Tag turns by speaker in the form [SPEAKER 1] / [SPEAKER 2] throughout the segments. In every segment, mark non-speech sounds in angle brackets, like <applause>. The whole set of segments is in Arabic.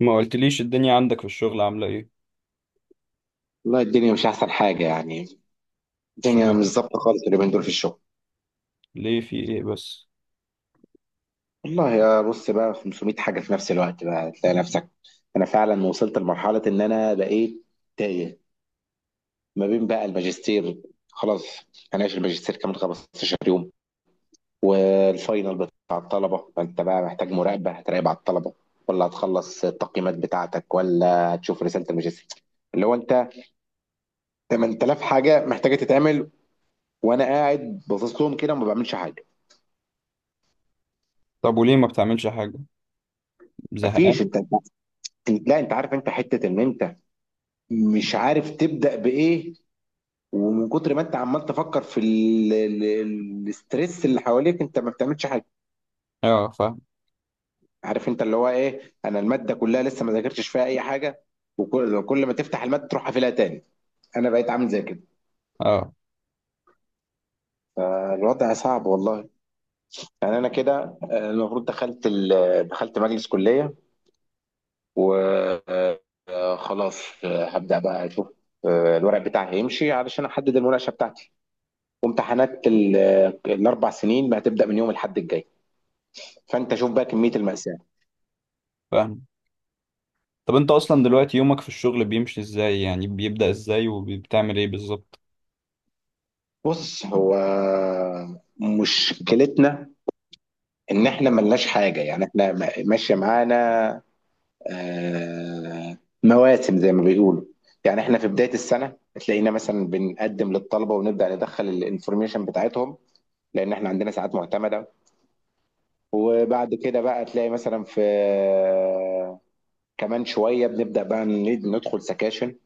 [SPEAKER 1] ما قلتليش الدنيا عندك في الشغل عاملة ايه؟
[SPEAKER 2] والله، الدنيا مش احسن حاجه يعني. الدنيا مش
[SPEAKER 1] اشمعنى؟
[SPEAKER 2] ظابطه خالص اليومين دول في الشغل.
[SPEAKER 1] ليه؟ في ايه بس؟
[SPEAKER 2] والله يا بص، بقى 500 حاجه في نفس الوقت، بقى تلاقي نفسك. انا فعلا وصلت لمرحله ان انا بقيت تايه ما بين بقى الماجستير، خلاص. هناقش الماجستير كمان 15 يوم، والفاينل بتاع الطلبه، فانت بقى محتاج مراقبه، هتراقب على الطلبه، ولا هتخلص التقييمات بتاعتك، ولا هتشوف رساله الماجستير، اللي هو انت 8000 حاجه محتاجه تتعمل، وانا قاعد باصص لهم كده وما بعملش حاجه.
[SPEAKER 1] طب وليه ما بتعملش حاجة؟ زهقان؟
[SPEAKER 2] مفيش، انت، لا انت عارف، انت حته ان انت مش عارف تبدا بايه. ومن كتر ما انت عمال تفكر في الاسترس اللي حواليك انت ما بتعملش حاجه.
[SPEAKER 1] اه، فاهم.
[SPEAKER 2] عارف انت اللي هو ايه، انا الماده كلها لسه ما ذاكرتش فيها اي حاجه، وكل كل ما تفتح الماده تروح قافلها تاني. انا بقيت عامل زي كده.
[SPEAKER 1] اه،
[SPEAKER 2] الوضع صعب والله. يعني انا كده المفروض دخلت مجلس كليه، وخلاص هبدا بقى اشوف. الورق بتاعي هيمشي علشان احدد المناقشه بتاعتي، وامتحانات الاربع سنين بقى هتبدا من يوم الاحد الجاي. فانت شوف بقى كميه الماساه.
[SPEAKER 1] فاهم. طب انت اصلا دلوقتي يومك في الشغل بيمشي ازاي؟ يعني بيبدأ ازاي وبتعمل ايه بالظبط؟
[SPEAKER 2] بص، هو مشكلتنا ان احنا ملناش حاجه، يعني احنا ماشيه معانا مواسم زي ما بيقولوا. يعني احنا في بدايه السنه تلاقينا مثلا بنقدم للطلبه ونبدا ندخل الانفورميشن بتاعتهم، لان احنا عندنا ساعات معتمده. وبعد كده بقى تلاقي مثلا في كمان شويه بنبدا بقى ندخل سكاشن.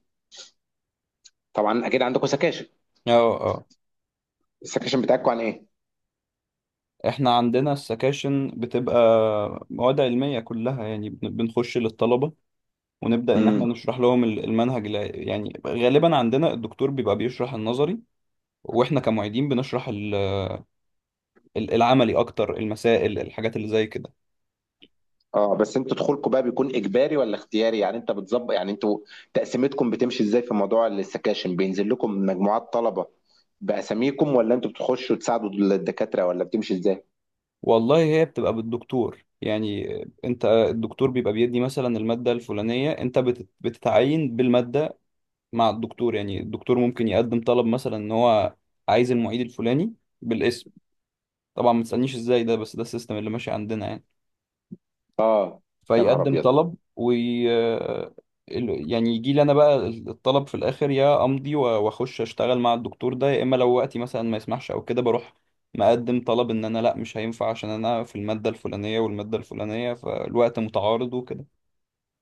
[SPEAKER 2] طبعا اكيد عندكم سكاشن.
[SPEAKER 1] اه، اه.
[SPEAKER 2] السكشن بتاعكم عن ايه؟
[SPEAKER 1] احنا عندنا السكاشن بتبقى مواد علمية كلها، يعني بنخش للطلبة ونبدأ ان احنا
[SPEAKER 2] امم.
[SPEAKER 1] نشرح لهم المنهج يعني غالبا عندنا الدكتور بيبقى بيشرح النظري، واحنا كمعيدين بنشرح العملي اكتر، المسائل الحاجات اللي زي كده.
[SPEAKER 2] اه، بس انتوا دخولكم بقى بيكون اجباري ولا اختياري؟ يعني انت بتظبط، يعني انتوا تقسيمتكم بتمشي ازاي في موضوع السكاشن؟ بينزل لكم مجموعات طلبة باساميكم، ولا انتوا بتخشوا تساعدوا الدكاترة، ولا بتمشي ازاي؟
[SPEAKER 1] والله هي بتبقى بالدكتور يعني. انت الدكتور بيبقى بيدي مثلا المادة الفلانية، انت بتتعين بالمادة مع الدكتور. يعني الدكتور ممكن يقدم طلب مثلا ان هو عايز المعيد الفلاني بالاسم. طبعا ما تسألنيش ازاي ده، بس ده السيستم اللي ماشي عندنا يعني.
[SPEAKER 2] اه. يا نهار
[SPEAKER 1] فيقدم
[SPEAKER 2] ابيض.
[SPEAKER 1] طلب وي... آه، يعني يجي لي انا بقى الطلب في الاخر، يا امضي واخش اشتغل مع الدكتور ده، يا اما لو وقتي مثلا ما يسمحش او كده بروح مقدم طلب ان انا لا، مش هينفع عشان انا في المادة الفلانية والمادة الفلانية، فالوقت متعارض وكده.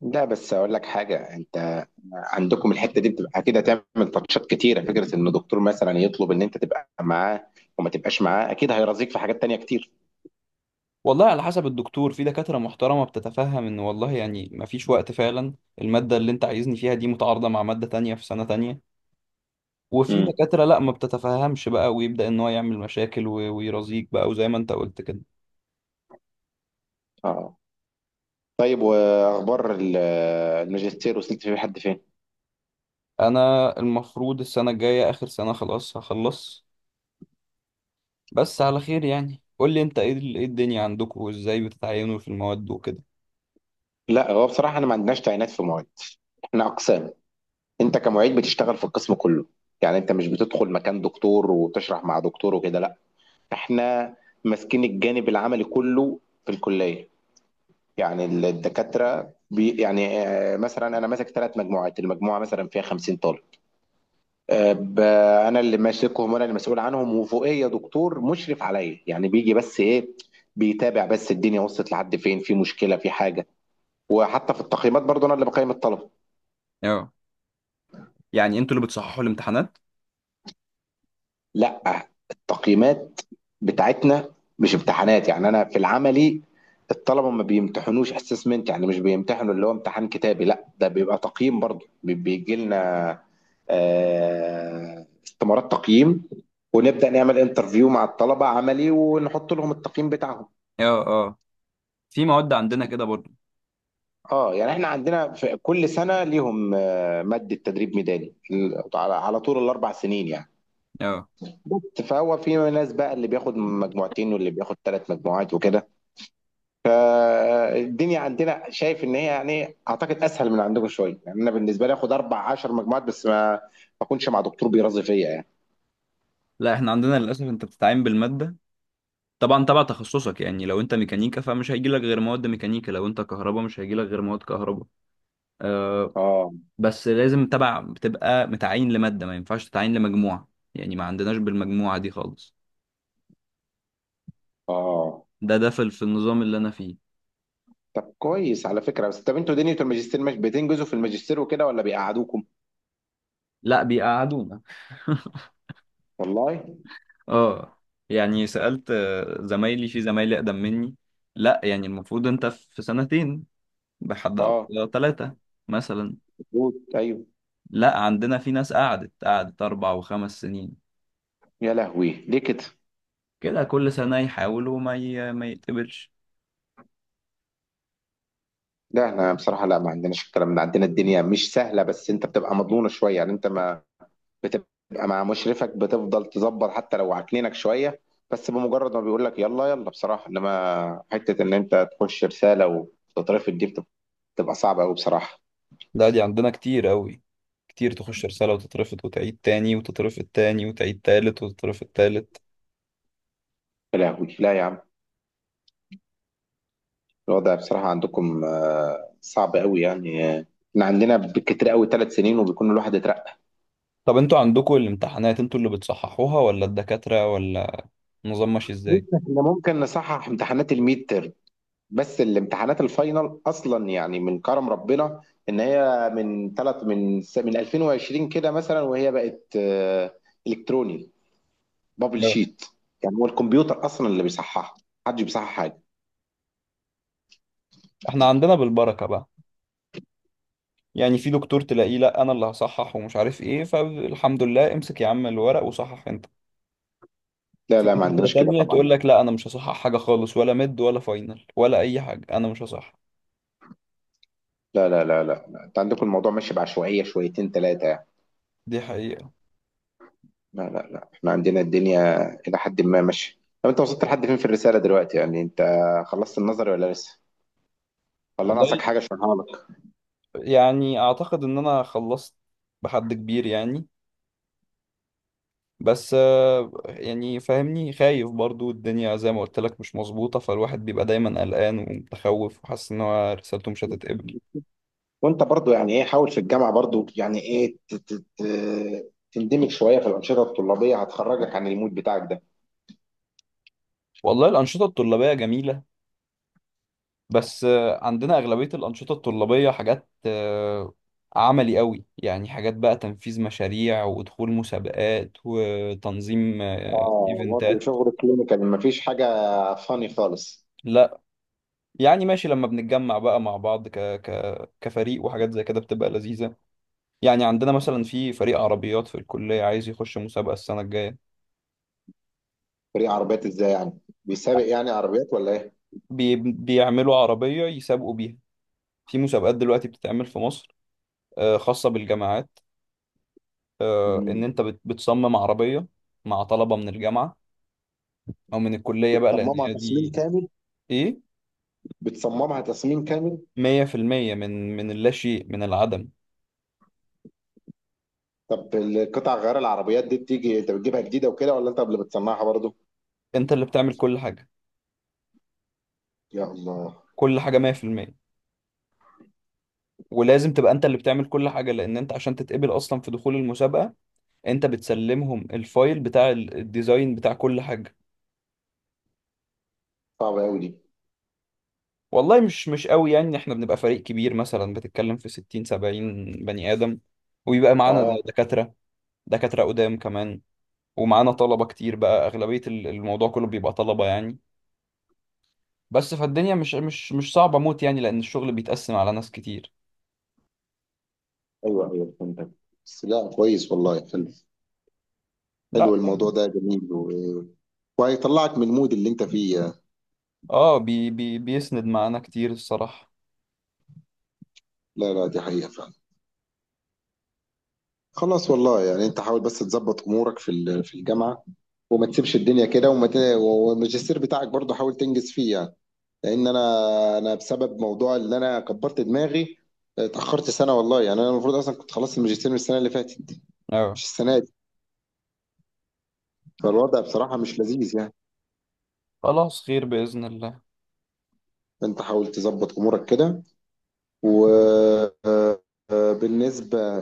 [SPEAKER 2] لا، بس اقول لك حاجه، انت عندكم الحته دي بتبقى اكيد هتعمل تاتشات كتيره، فكره ان الدكتور مثلا يطلب ان انت تبقى معاه وما تبقاش معاه، اكيد هيرازيك في حاجات تانية كتير.
[SPEAKER 1] والله على حسب الدكتور. في دكاترة محترمة بتتفهم ان والله يعني ما فيش وقت فعلا، المادة اللي انت عايزني فيها دي متعارضة مع مادة تانية في سنة تانية. وفي
[SPEAKER 2] امم.
[SPEAKER 1] دكاترة لا ما بتتفهمش بقى، ويبدأ ان هو يعمل مشاكل ويرازيك بقى، وزي ما انت قلت كده.
[SPEAKER 2] اه. طيب، واخبار الماجستير وصلت فيه لحد فين؟
[SPEAKER 1] انا المفروض السنه الجايه اخر سنه، خلاص هخلص. بس على خير يعني. قول لي انت ايه إيه الدنيا عندكم وازاي بتتعينوا في المواد وكده.
[SPEAKER 2] لا، هو بصراحه احنا ما عندناش تعيينات في معيد. احنا اقسام. انت كمعيد بتشتغل في القسم كله، يعني انت مش بتدخل مكان دكتور وتشرح مع دكتور وكده، لا. احنا ماسكين الجانب العملي كله في الكليه. يعني الدكاتره يعني مثلا انا ماسك 3 مجموعات، المجموعه مثلا فيها 50 طالب. آه، ب- انا اللي ماسكهم وانا اللي مسؤول عنهم، وفوقيه دكتور مشرف عليا، يعني بيجي بس ايه، بيتابع بس الدنيا وصلت لحد فين، في مشكله، في حاجه. وحتى في التقييمات برضه انا اللي بقيم الطلبه.
[SPEAKER 1] اه، يعني انتوا اللي بتصححوا الامتحانات؟
[SPEAKER 2] لا، التقييمات بتاعتنا مش امتحانات، يعني انا في العملي الطلبه ما بيمتحنوش اسسمنت، يعني مش بيمتحنوا اللي هو امتحان كتابي، لا، ده بيبقى تقييم برضه، بيجي لنا استمارات تقييم، ونبدأ نعمل انترفيو مع الطلبة عملي ونحط لهم التقييم بتاعهم.
[SPEAKER 1] اه، اه. في مواد عندنا كده برضه.
[SPEAKER 2] اه، يعني احنا عندنا في كل سنة ليهم مادة تدريب ميداني، على طول الأربع سنين يعني.
[SPEAKER 1] اه.
[SPEAKER 2] بس فهو في ناس بقى اللي بياخد مجموعتين واللي بياخد 3 مجموعات وكده. فالدنيا عندنا شايف ان هي يعني اعتقد اسهل من عندكم شويه، يعني انا بالنسبه لي اخد 14 مجموعه بس ما اكونش مع دكتور بيرازي فيا يعني.
[SPEAKER 1] لا، احنا عندنا للاسف انت بتتعين بالماده. طبعا تبع تخصصك يعني. لو انت ميكانيكا فمش هيجي لك غير مواد ميكانيكا، لو انت كهرباء مش هيجي لك غير مواد كهرباء. آه.
[SPEAKER 2] اه
[SPEAKER 1] بس لازم تبع بتبقى متعين لماده، ما ينفعش تتعين لمجموعه. يعني ما عندناش بالمجموعه دي خالص.
[SPEAKER 2] اه.
[SPEAKER 1] ده، ده في النظام اللي انا فيه.
[SPEAKER 2] طب كويس على فكره. بس طب انتوا دنيا الماجستير مش بتنجزوا في الماجستير وكده، ولا بيقعدوكم؟
[SPEAKER 1] لا بيقعدونا. <laughs>
[SPEAKER 2] والله.
[SPEAKER 1] اه، يعني سألت زمايلي، في زمايلي أقدم مني. لا، يعني المفروض أنت في سنتين، بحد
[SPEAKER 2] اه.
[SPEAKER 1] أقصى ثلاثة مثلا.
[SPEAKER 2] مظبوط، ايوه.
[SPEAKER 1] لا، عندنا في ناس قعدت قعدت 4 و5 سنين.
[SPEAKER 2] يا لهوي، ليه كده؟
[SPEAKER 1] كده كل سنة يحاولوا ما يتقبلش.
[SPEAKER 2] لا، احنا بصراحه لا، ما عندناش الكلام ده. عندنا الدنيا مش سهله بس انت بتبقى مضمونه شويه، يعني انت ما بتبقى مع مشرفك بتفضل تظبط حتى لو عكنينك شويه، بس بمجرد ما بيقول لك يلا يلا بصراحه، انما حته ان انت تخش رساله وتترفض دي بتبقى صعبه قوي بصراحه.
[SPEAKER 1] لا، دي عندنا كتير قوي. كتير تخش رسالة وتترفض، وتعيد تاني وتترفض تاني، وتعيد تالت وتترفض تالت.
[SPEAKER 2] يا لهوي، لا يا عم. الوضع بصراحه عندكم صعب قوي يعني، احنا عندنا بالكتير قوي 3 سنين وبيكون الواحد اترقى.
[SPEAKER 1] طب انتوا عندكم الامتحانات انتوا اللي بتصححوها ولا الدكاترة ولا النظام ماشي
[SPEAKER 2] بص،
[SPEAKER 1] ازاي؟
[SPEAKER 2] احنا ممكن نصحح امتحانات الميد، بس الامتحانات الفاينل اصلا، يعني من كرم ربنا ان هي من ثلاث من س- من 2020 كده مثلا، وهي بقت الكتروني، بابل شيت. يعني هو الكمبيوتر اصلا اللي بيصححها، محدش بيصحح حاجه.
[SPEAKER 1] احنا عندنا بالبركة بقى. يعني في دكتور تلاقيه: لا، انا اللي هصحح ومش عارف ايه، فالحمد لله امسك يا عم الورق وصحح انت.
[SPEAKER 2] لا
[SPEAKER 1] في
[SPEAKER 2] لا، ما
[SPEAKER 1] دكاترة
[SPEAKER 2] عندناش كده
[SPEAKER 1] تانية
[SPEAKER 2] طبعا.
[SPEAKER 1] تقول لك: لا، انا مش هصحح حاجة خالص، ولا مد ولا فاينل ولا اي حاجة، انا مش هصحح.
[SPEAKER 2] لا لا لا لا لا، انت عندكم الموضوع ماشي بعشوائيه شويتين ثلاثه يعني.
[SPEAKER 1] دي حقيقة.
[SPEAKER 2] لا لا لا، احنا عندنا الدنيا الى حد ما ماشيه. طب انت وصلت لحد فين في الرساله دلوقتي؟ يعني انت خلصت النظري ولا لسه، ولا
[SPEAKER 1] والله
[SPEAKER 2] ناقصك حاجه عشان؟
[SPEAKER 1] يعني اعتقد ان انا خلصت بحد كبير يعني. بس يعني فاهمني، خايف برضو. الدنيا زي ما قلت لك مش مظبوطة، فالواحد بيبقى دايما قلقان ومتخوف وحاسس ان هو رسالته مش هتتقبل.
[SPEAKER 2] وانت برضو يعني ايه، حاول في الجامعه برضو، يعني ايه تندمج شويه في الانشطه الطلابيه، هتخرجك عن المود بتاعك ده.
[SPEAKER 1] والله الأنشطة الطلابية جميلة. بس عندنا أغلبية الأنشطة الطلابية حاجات عملي قوي يعني. حاجات بقى تنفيذ مشاريع ودخول مسابقات وتنظيم
[SPEAKER 2] اه، برضه
[SPEAKER 1] إيفنتات.
[SPEAKER 2] شغل كلينيكال مفيش حاجه فاني خالص؟
[SPEAKER 1] لا. يعني ماشي لما بنتجمع بقى مع بعض كفريق، وحاجات زي كده بتبقى لذيذة. يعني عندنا مثلا في فريق عربيات في الكلية، عايز يخش مسابقة السنة الجاية.
[SPEAKER 2] فريق عربيات ازاي يعني؟ بيسابق يعني عربيات ولا ايه؟
[SPEAKER 1] بيعملوا عربية يسابقوا بيها. في مسابقات دلوقتي بتتعمل في مصر، خاصة بالجامعات. إن
[SPEAKER 2] مم.
[SPEAKER 1] أنت بتصمم عربية مع طلبة من الجامعة او من الكلية بقى، لان
[SPEAKER 2] بتصممها
[SPEAKER 1] هي
[SPEAKER 2] تصميم
[SPEAKER 1] دي.
[SPEAKER 2] كامل؟
[SPEAKER 1] ايه.
[SPEAKER 2] بتصممها تصميم كامل؟
[SPEAKER 1] 100%، من اللا شيء، من العدم.
[SPEAKER 2] طب القطع غيار العربيات دي بتيجي، انت بتجيبها جديده وكده ولا انت اللي بتصنعها برضه؟
[SPEAKER 1] انت اللي بتعمل كل حاجة.
[SPEAKER 2] يا الله.
[SPEAKER 1] كل حاجة 100%. ولازم تبقى انت اللي بتعمل كل حاجة، لان انت عشان تتقبل اصلا في دخول المسابقة انت بتسلمهم الفايل بتاع الديزاين بتاع كل حاجة.
[SPEAKER 2] صعبه قوي دي.
[SPEAKER 1] والله مش قوي يعني. احنا بنبقى فريق كبير، مثلا بتتكلم في 60 70 بني آدم وبيبقى معانا
[SPEAKER 2] اه.
[SPEAKER 1] دكاترة. دكاترة قدام كمان. ومعانا طلبة كتير بقى. أغلبية الموضوع كله بيبقى طلبة يعني. بس فالدنيا مش صعبة موت يعني، لأن الشغل بيتقسم على ناس كتير.
[SPEAKER 2] ايوه ايوه فهمتك. بس لا كويس والله، حلو.
[SPEAKER 1] لا.
[SPEAKER 2] حلو، الموضوع ده جميل وهيطلعك من المود اللي انت فيه.
[SPEAKER 1] اه، بي بي بيسند معانا كتير الصراحة.
[SPEAKER 2] لا لا، دي حقيقة فعلا. خلاص والله، يعني انت حاول بس تظبط امورك في الجامعة، وما تسيبش الدنيا كده، والماجستير بتاعك برضه حاول تنجز فيه يعني. لان انا بسبب موضوع اللي انا كبرت دماغي اتأخرت سنة والله. يعني انا المفروض اصلا كنت خلصت الماجستير من السنة اللي فاتت،
[SPEAKER 1] اه.
[SPEAKER 2] مش السنة دي. فالوضع بصراحة مش لذيذ يعني.
[SPEAKER 1] خلاص، خير بإذن الله.
[SPEAKER 2] فانت حاول تظبط امورك كده. وبالنسبة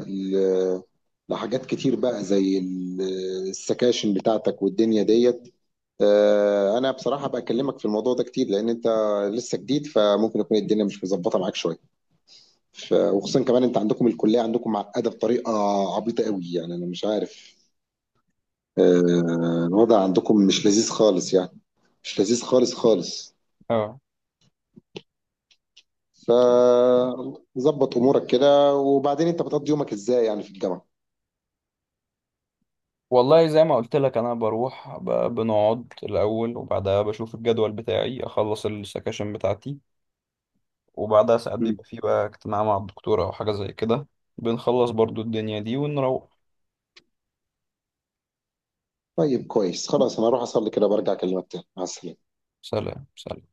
[SPEAKER 2] لحاجات كتير بقى زي السكاشن بتاعتك والدنيا ديت، انا بصراحة بكلمك في الموضوع ده كتير لان انت لسه جديد، فممكن يكون الدنيا مش مظبطة معاك شوية. وخصوصا كمان انت عندكم الكلية عندكم معقدة بطريقة عبيطة قوي، يعني انا مش عارف. الوضع عندكم مش لذيذ خالص يعني، مش لذيذ خالص خالص.
[SPEAKER 1] اه.
[SPEAKER 2] فظبط امورك كده. وبعدين انت بتقضي يومك ازاي يعني في الجامعة؟
[SPEAKER 1] والله زي ما قلت لك أنا بروح، بنقعد الأول وبعدها بشوف الجدول بتاعي، أخلص السكاشن بتاعتي. وبعدها ساعات بيبقى فيه بقى اجتماع مع الدكتورة أو حاجة زي كده، بنخلص برضو الدنيا دي ونروح.
[SPEAKER 2] طيب كويس، خلاص، انا اروح اصلي كده، برجع اكلمك تاني. مع السلامه.
[SPEAKER 1] سلام، سلام.